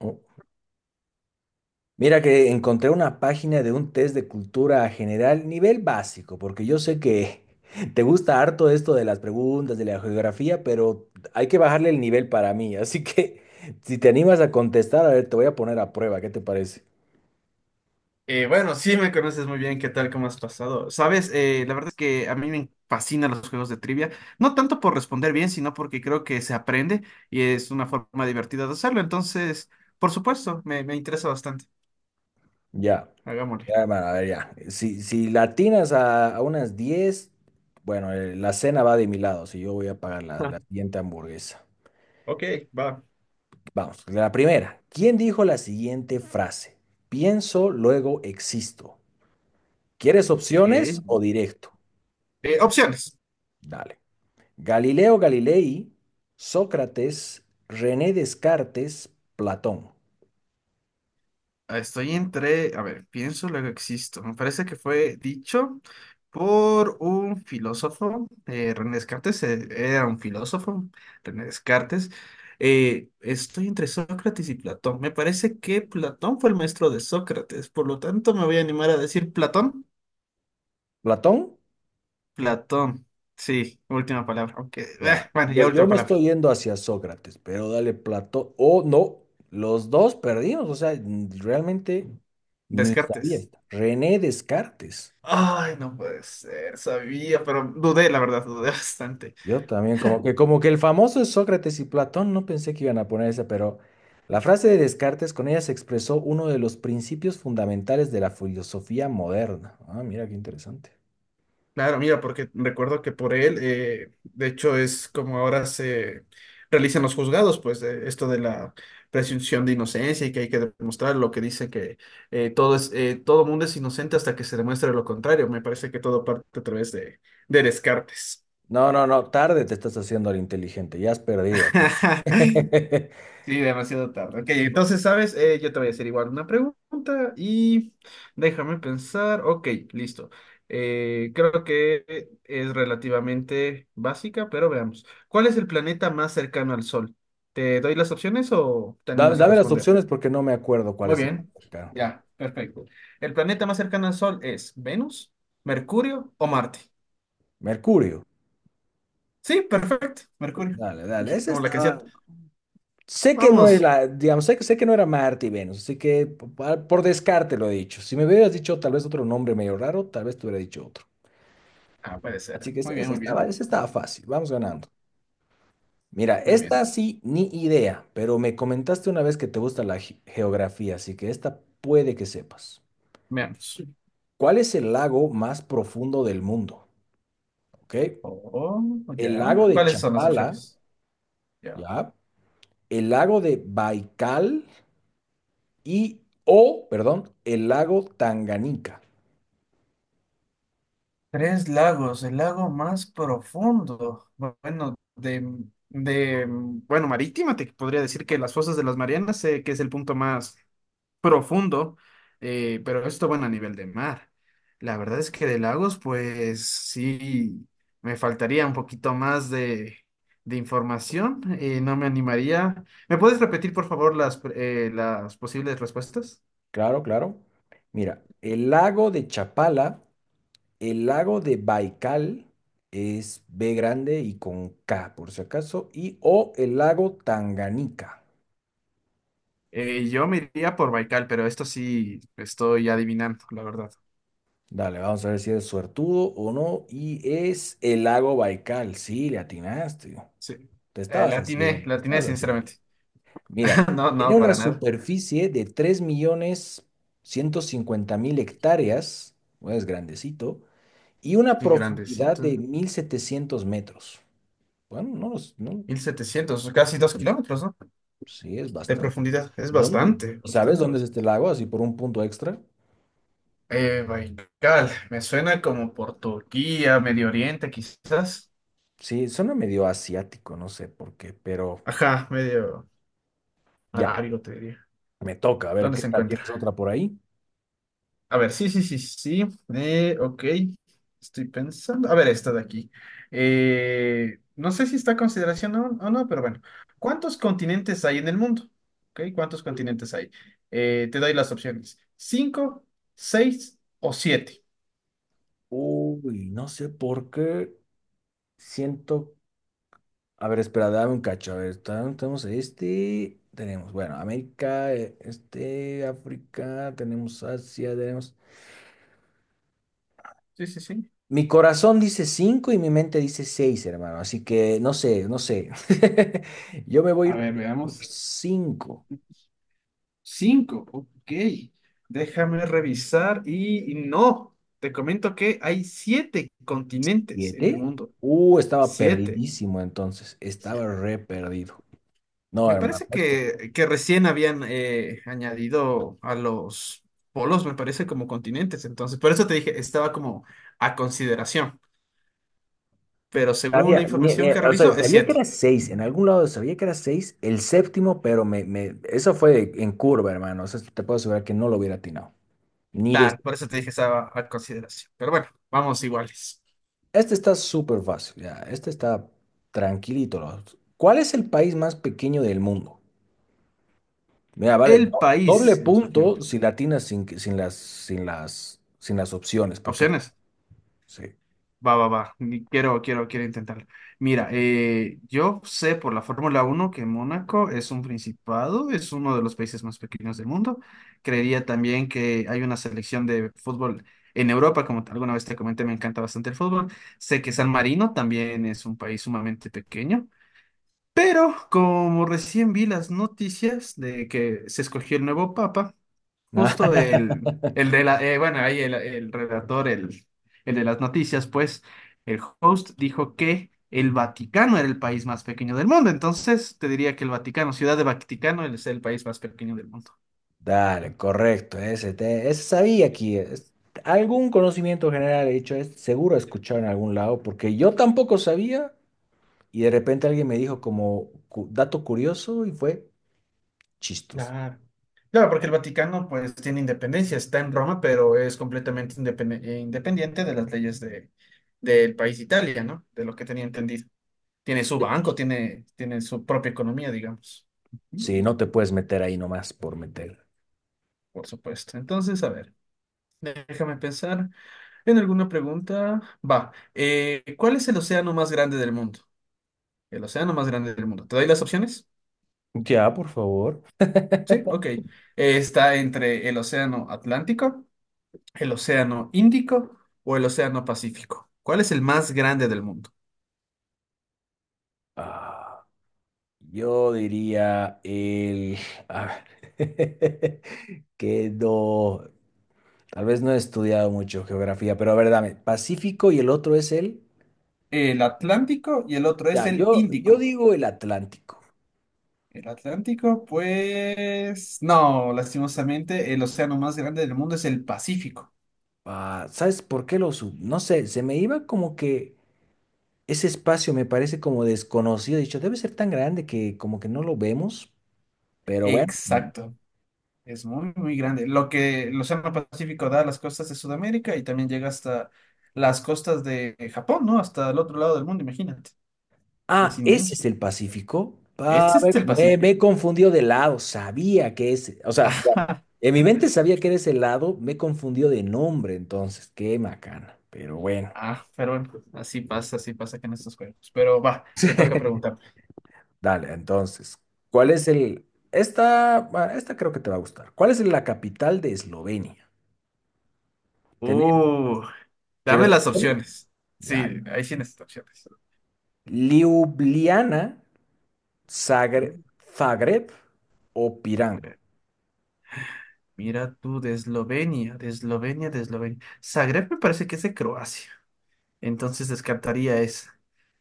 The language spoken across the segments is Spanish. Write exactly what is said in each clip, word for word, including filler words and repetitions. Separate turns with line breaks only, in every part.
Oh, mira que encontré una página de un test de cultura general, nivel básico, porque yo sé que te gusta harto esto de las preguntas, de la geografía, pero hay que bajarle el nivel para mí. Así que si te animas a contestar, a ver, te voy a poner a prueba, ¿qué te parece?
Eh, bueno, sí me conoces muy bien, ¿qué tal? ¿Cómo has pasado? Sabes, eh, la verdad es que a mí me fascinan los juegos de trivia, no tanto por responder bien, sino porque creo que se aprende y es una forma divertida de hacerlo. Entonces, por supuesto, me, me interesa bastante.
Ya,
Hagámosle.
ya, hermano, a ver, ya. Si, si la atinas a, a unas diez, bueno, eh, la cena va de mi lado, si yo voy a pagar la, la siguiente hamburguesa.
Ok, va. Ok.
Vamos, la primera. ¿Quién dijo la siguiente frase? Pienso, luego existo. ¿Quieres opciones
Eh,
o directo?
Opciones.
Dale. Galileo Galilei, Sócrates, René Descartes, Platón.
Estoy entre, a ver, pienso, luego existo. Me parece que fue dicho por un filósofo, eh, René Descartes, eh, era un filósofo, René Descartes. Eh, estoy entre Sócrates y Platón. Me parece que Platón fue el maestro de Sócrates, por lo tanto me voy a animar a decir Platón.
¿Platón?
Platón, sí, última palabra, aunque, eh,
Ya.
bueno,
Yo,
ya
yo
última
me
palabra.
estoy yendo hacia Sócrates, pero dale Platón. O no, los dos perdimos. O sea, n- realmente ni sabía
Descartes.
esta. René Descartes.
Ay, no puede ser, sabía, pero dudé, la verdad, dudé bastante.
Yo también, como que, como que el famoso Sócrates y Platón, no pensé que iban a poner esa, pero la frase de Descartes, con ella se expresó uno de los principios fundamentales de la filosofía moderna. Ah, mira qué interesante.
Claro, mira, porque recuerdo que por él, eh, de hecho, es como ahora se realizan los juzgados, pues de esto de la presunción de inocencia y que hay que demostrar lo que dice que eh, todo es, eh, todo mundo es inocente hasta que se demuestre lo contrario. Me parece que todo parte a través de, de Descartes.
No, no, no, tarde te estás haciendo al inteligente, ya has perdido aquí.
Sí, demasiado tarde. Ok, entonces, ¿sabes? Eh, yo te voy a hacer igual una pregunta y déjame pensar. Ok, listo. Eh, creo que es relativamente básica, pero veamos. ¿Cuál es el planeta más cercano al Sol? ¿Te doy las opciones o te
Dame,
animas a
dame las
responder?
opciones porque no me acuerdo cuál
Muy
es el más
bien,
cercano.
ya, perfecto. ¿El planeta más cercano al Sol es Venus, Mercurio o Marte?
Mercurio.
Sí, perfecto, Mercurio,
Dale, dale, ese
como la canción.
estaba. Sé que no es
Vamos.
la, digamos, sé que, sé que no era Marte y Venus, así que po- por descarte lo he dicho. Si me hubieras dicho tal vez otro nombre medio raro, tal vez te hubiera dicho otro.
Ah, puede ser.
Así que ese
Muy bien,
ese
muy bien,
estaba, ese estaba fácil, vamos ganando. Mira,
muy
esta
bien.
sí, ni idea, pero me comentaste una vez que te gusta la ge- geografía, así que esta puede que sepas.
Veamos.
¿Cuál es el lago más profundo del mundo? ¿Ok?
Oh,
El
ya.
lago de
¿Cuáles son las
Chapala,
opciones? Ya.
¿ya? El lago de Baikal y, o, perdón, el lago Tanganica.
Tres lagos, el lago más profundo. Bueno, de, de, bueno, marítima, te podría decir que las fosas de las Marianas, sé que es el punto más profundo, eh, pero esto, bueno, a nivel de mar. La verdad es que de lagos, pues sí, me faltaría un poquito más de, de información, eh, no me animaría. ¿Me puedes repetir, por favor, las, eh, las posibles respuestas?
Claro, claro. Mira, el lago de Chapala, el lago de Baikal es B grande y con K, por si acaso, y o el lago Tanganica.
Eh, yo me iría por Baikal, pero esto sí estoy adivinando, la verdad.
Dale, vamos a ver si eres suertudo o no. Y es el lago Baikal. Sí, le atinaste.
Sí.
Te
Eh,
estabas
la atiné,
haciendo,
la
te
atiné,
estabas haciendo.
sinceramente.
Mira,
No,
tiene
no,
una
para nada.
superficie de tres millones ciento cincuenta mil hectáreas, bueno, es grandecito, y una
Qué
profundidad
grandecito.
de mil setecientos metros. Bueno, no lo s- no,
Mil setecientos, casi dos kilómetros, ¿no?
sí, es
De
bastante.
profundidad. Es
¿Dónde?
bastante,
¿Y sabes
bastante,
dónde es este
bastante.
lago? Así por un punto extra.
Eh, Baikal, me suena como por Turquía, Medio Oriente, quizás.
Sí, suena medio asiático, no sé por qué, pero
Ajá, medio
ya,
arábigo, te diría.
me toca. A ver,
¿Dónde
¿qué
se
tal?
encuentra?
¿Tienes otra por ahí?
A ver, sí, sí, sí, sí. Eh, ok, estoy pensando. A ver, esta de aquí. Eh, no sé si está a consideración o, o no, pero bueno. ¿Cuántos continentes hay en el mundo? Ok, ¿cuántos continentes hay? Eh, te doy las opciones. ¿Cinco, seis o siete?
Uy, no sé por qué siento. A ver, espera, dame un cacho. A ver, tan- tenemos este. Tenemos, bueno, América, eh, este, África, tenemos Asia, tenemos.
Sí, sí, sí.
Mi corazón dice cinco y mi mente dice seis, hermano. Así que no sé, no sé. Yo me voy a
A
ir
ver,
por
veamos.
cinco.
Cinco, ok. Déjame revisar y y no, te comento que hay siete continentes en el
¿siete?
mundo.
Uh, estaba
Siete.
perdidísimo entonces. Estaba re perdido. No,
Me
hermano,
parece
esto.
que, que recién habían eh, añadido a los polos, me parece, como continentes. Entonces, por eso te dije, estaba como a consideración. Pero según la
Sabía, ni- ni-
información que
o sea,
reviso, es
sabía que
siete.
era seis. En algún lado sabía que era seis, el séptimo, pero me, me, eso fue en curva, hermano. O sea, te puedo asegurar que no lo hubiera atinado. Ni de...
Claro, por eso te dije, estaba a consideración. Pero bueno, vamos iguales.
Este está súper fácil, ya. Este está tranquilito, ¿no? ¿Cuál es el país más pequeño del mundo? Mira, vale,
El
do- doble
país más pequeño.
punto si latinas sin, que- sin las, sin las, sin las opciones, porque
Opciones.
sí.
Va, va, va. Ni- Quiero, quiero, quiero intentarlo. Mira, eh, yo sé por la Fórmula Uno que Mónaco es un principado, es uno de los países más pequeños del mundo. Creería también que hay una selección de fútbol en Europa, como te- alguna vez te comenté, me encanta bastante el fútbol. Sé que San Marino también es un país sumamente pequeño, pero como recién vi las noticias de que se escogió el nuevo papa, justo el, el de la, eh, bueno, ahí el, el redactor, el, el de las noticias, pues, el host dijo que el Vaticano era el país más pequeño del mundo. Entonces, te diría que el Vaticano, Ciudad de Vaticano, es el país más pequeño del mundo.
Dale, correcto, ese, te- ese sabía aquí. Es- algún conocimiento general he dicho, es, seguro he escuchado en algún lado, porque yo tampoco sabía y de repente alguien me dijo como cu- dato curioso y fue chistoso.
Ah, claro, porque el Vaticano pues tiene independencia, está en Roma, pero es completamente independen- eh, independiente de las leyes de, del país Italia, ¿no? De lo que tenía entendido. Tiene su banco, tiene, tiene su propia economía, digamos,
Sí, no te puedes meter ahí nomás por meter.
por supuesto. Entonces, a ver. Déjame pensar en alguna pregunta. Va, eh, ¿cuál es el océano más grande del mundo? El océano más grande del mundo. ¿Te doy las opciones?
Ya, por favor.
Sí, ok. Eh, está entre el océano Atlántico, el océano Índico o el océano Pacífico. ¿Cuál es el más grande del mundo?
Ah, yo diría el... a ver, que no... Tal vez no he estudiado mucho geografía, pero a ver, dame, Pacífico y el otro es el...
El Atlántico y el otro es
Ya,
el
yo, yo
Índico.
digo el Atlántico.
El Atlántico, pues no, lastimosamente, el océano más grande del mundo es el Pacífico.
Ah, ¿sabes por qué lo sub? No sé, se me iba como que ese espacio me parece como desconocido. He dicho, debe ser tan grande que como que no lo vemos, pero bueno.
Exacto. Es muy, muy grande. Lo que el Océano Pacífico da a las costas de Sudamérica y también llega hasta las costas de Japón, ¿no? Hasta el otro lado del mundo, imagínate. Es
Ah, ese
inmenso.
es el Pacífico. Ah,
Ese es
ve-
el
me,
Pacífico.
me he confundido de lado, sabía que es, o sea, bueno,
Ajá.
en mi mente sabía que era ese lado, me confundió de nombre, entonces, qué macana, pero bueno.
Ah, pero bueno, así pasa, así pasa que en estos juegos. Pero va, te toca preguntar.
Dale, entonces, ¿cuál es el... esta, ah, esta creo que te va a gustar. ¿Cuál es la capital de Eslovenia? Tené-
Uh, Dame
¿Quieres?
las opciones.
Ya.
Sí, ahí sí necesito opciones.
¿Ljubljana,
Mira,
Zagre- Zagreb o Pirán?
Zagreb. Mira tú, de Eslovenia, de Eslovenia, de Eslovenia. Zagreb me parece que es de Croacia. Entonces descartaría esa.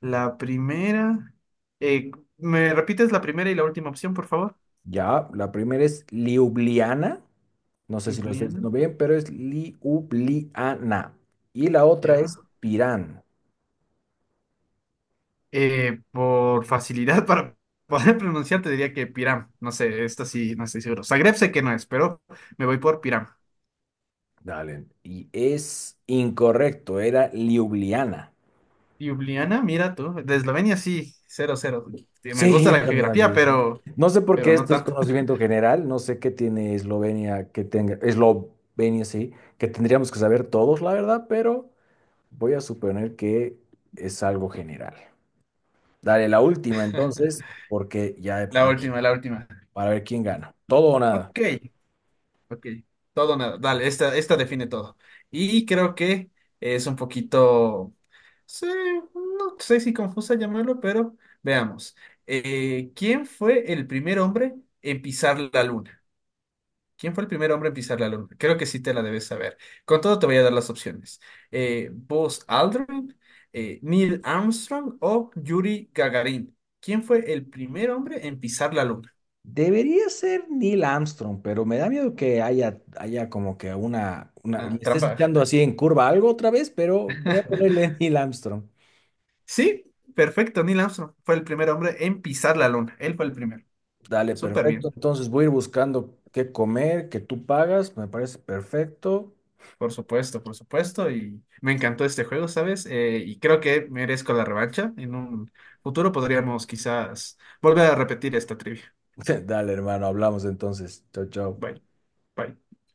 La primera. eh, ¿Me repites la primera y la última opción, por favor?
Ya, la primera es Ljubljana. No sé si lo estoy
Ljubljana.
diciendo bien, pero es Ljubljana. Y la otra
Ya.
es Pirán.
Eh, por facilidad para poder pronunciar, te diría que Piram. No sé, esto sí, no estoy seguro. Zagreb sé que no es, pero me voy por Piram.
Dale. Y es incorrecto, era Ljubljana.
Ljubljana, mira tú. De Eslovenia sí, cero, cero. Sí, me
Sí,
gusta
yo
la
también así,
geografía,
¿no?
pero,
No sé por
pero
qué
no
esto es
tanto.
conocimiento general, no sé qué tiene Eslovenia que tenga, Eslovenia sí, que tendríamos que saber todos, la verdad, pero voy a suponer que es algo general. Dale, la última entonces, porque ya,
La última, la última.
para ver quién gana. Todo o nada.
Ok, Ok, todo o nada. Dale, esta, esta define todo. Y creo que es un poquito, sí, no sé si confusa llamarlo, pero veamos. Eh, ¿quién fue el primer hombre en pisar la luna? ¿Quién fue el primer hombre en pisar la luna? Creo que sí te la debes saber. Con todo te voy a dar las opciones. Eh, Buzz Aldrin, eh, Neil Armstrong o Yuri Gagarin. ¿Quién fue el primer hombre en pisar la luna?
Debería ser Neil Armstrong, pero me da miedo que haya, haya como que una, una... me
Ah,
estés
trampa.
echando así en curva algo otra vez, pero voy a ponerle Neil Armstrong.
Sí, perfecto. Neil Armstrong fue el primer hombre en pisar la luna. Él fue el primero.
Dale,
Súper
perfecto.
bien.
Entonces voy a ir buscando qué comer, que tú pagas. Me parece perfecto.
Por supuesto, por supuesto. Y me encantó este juego, ¿sabes? Eh, y creo que merezco la revancha. En un futuro podríamos quizás volver a repetir esta trivia.
Dale, hermano, hablamos entonces. Chao, chao.
Bye, bye.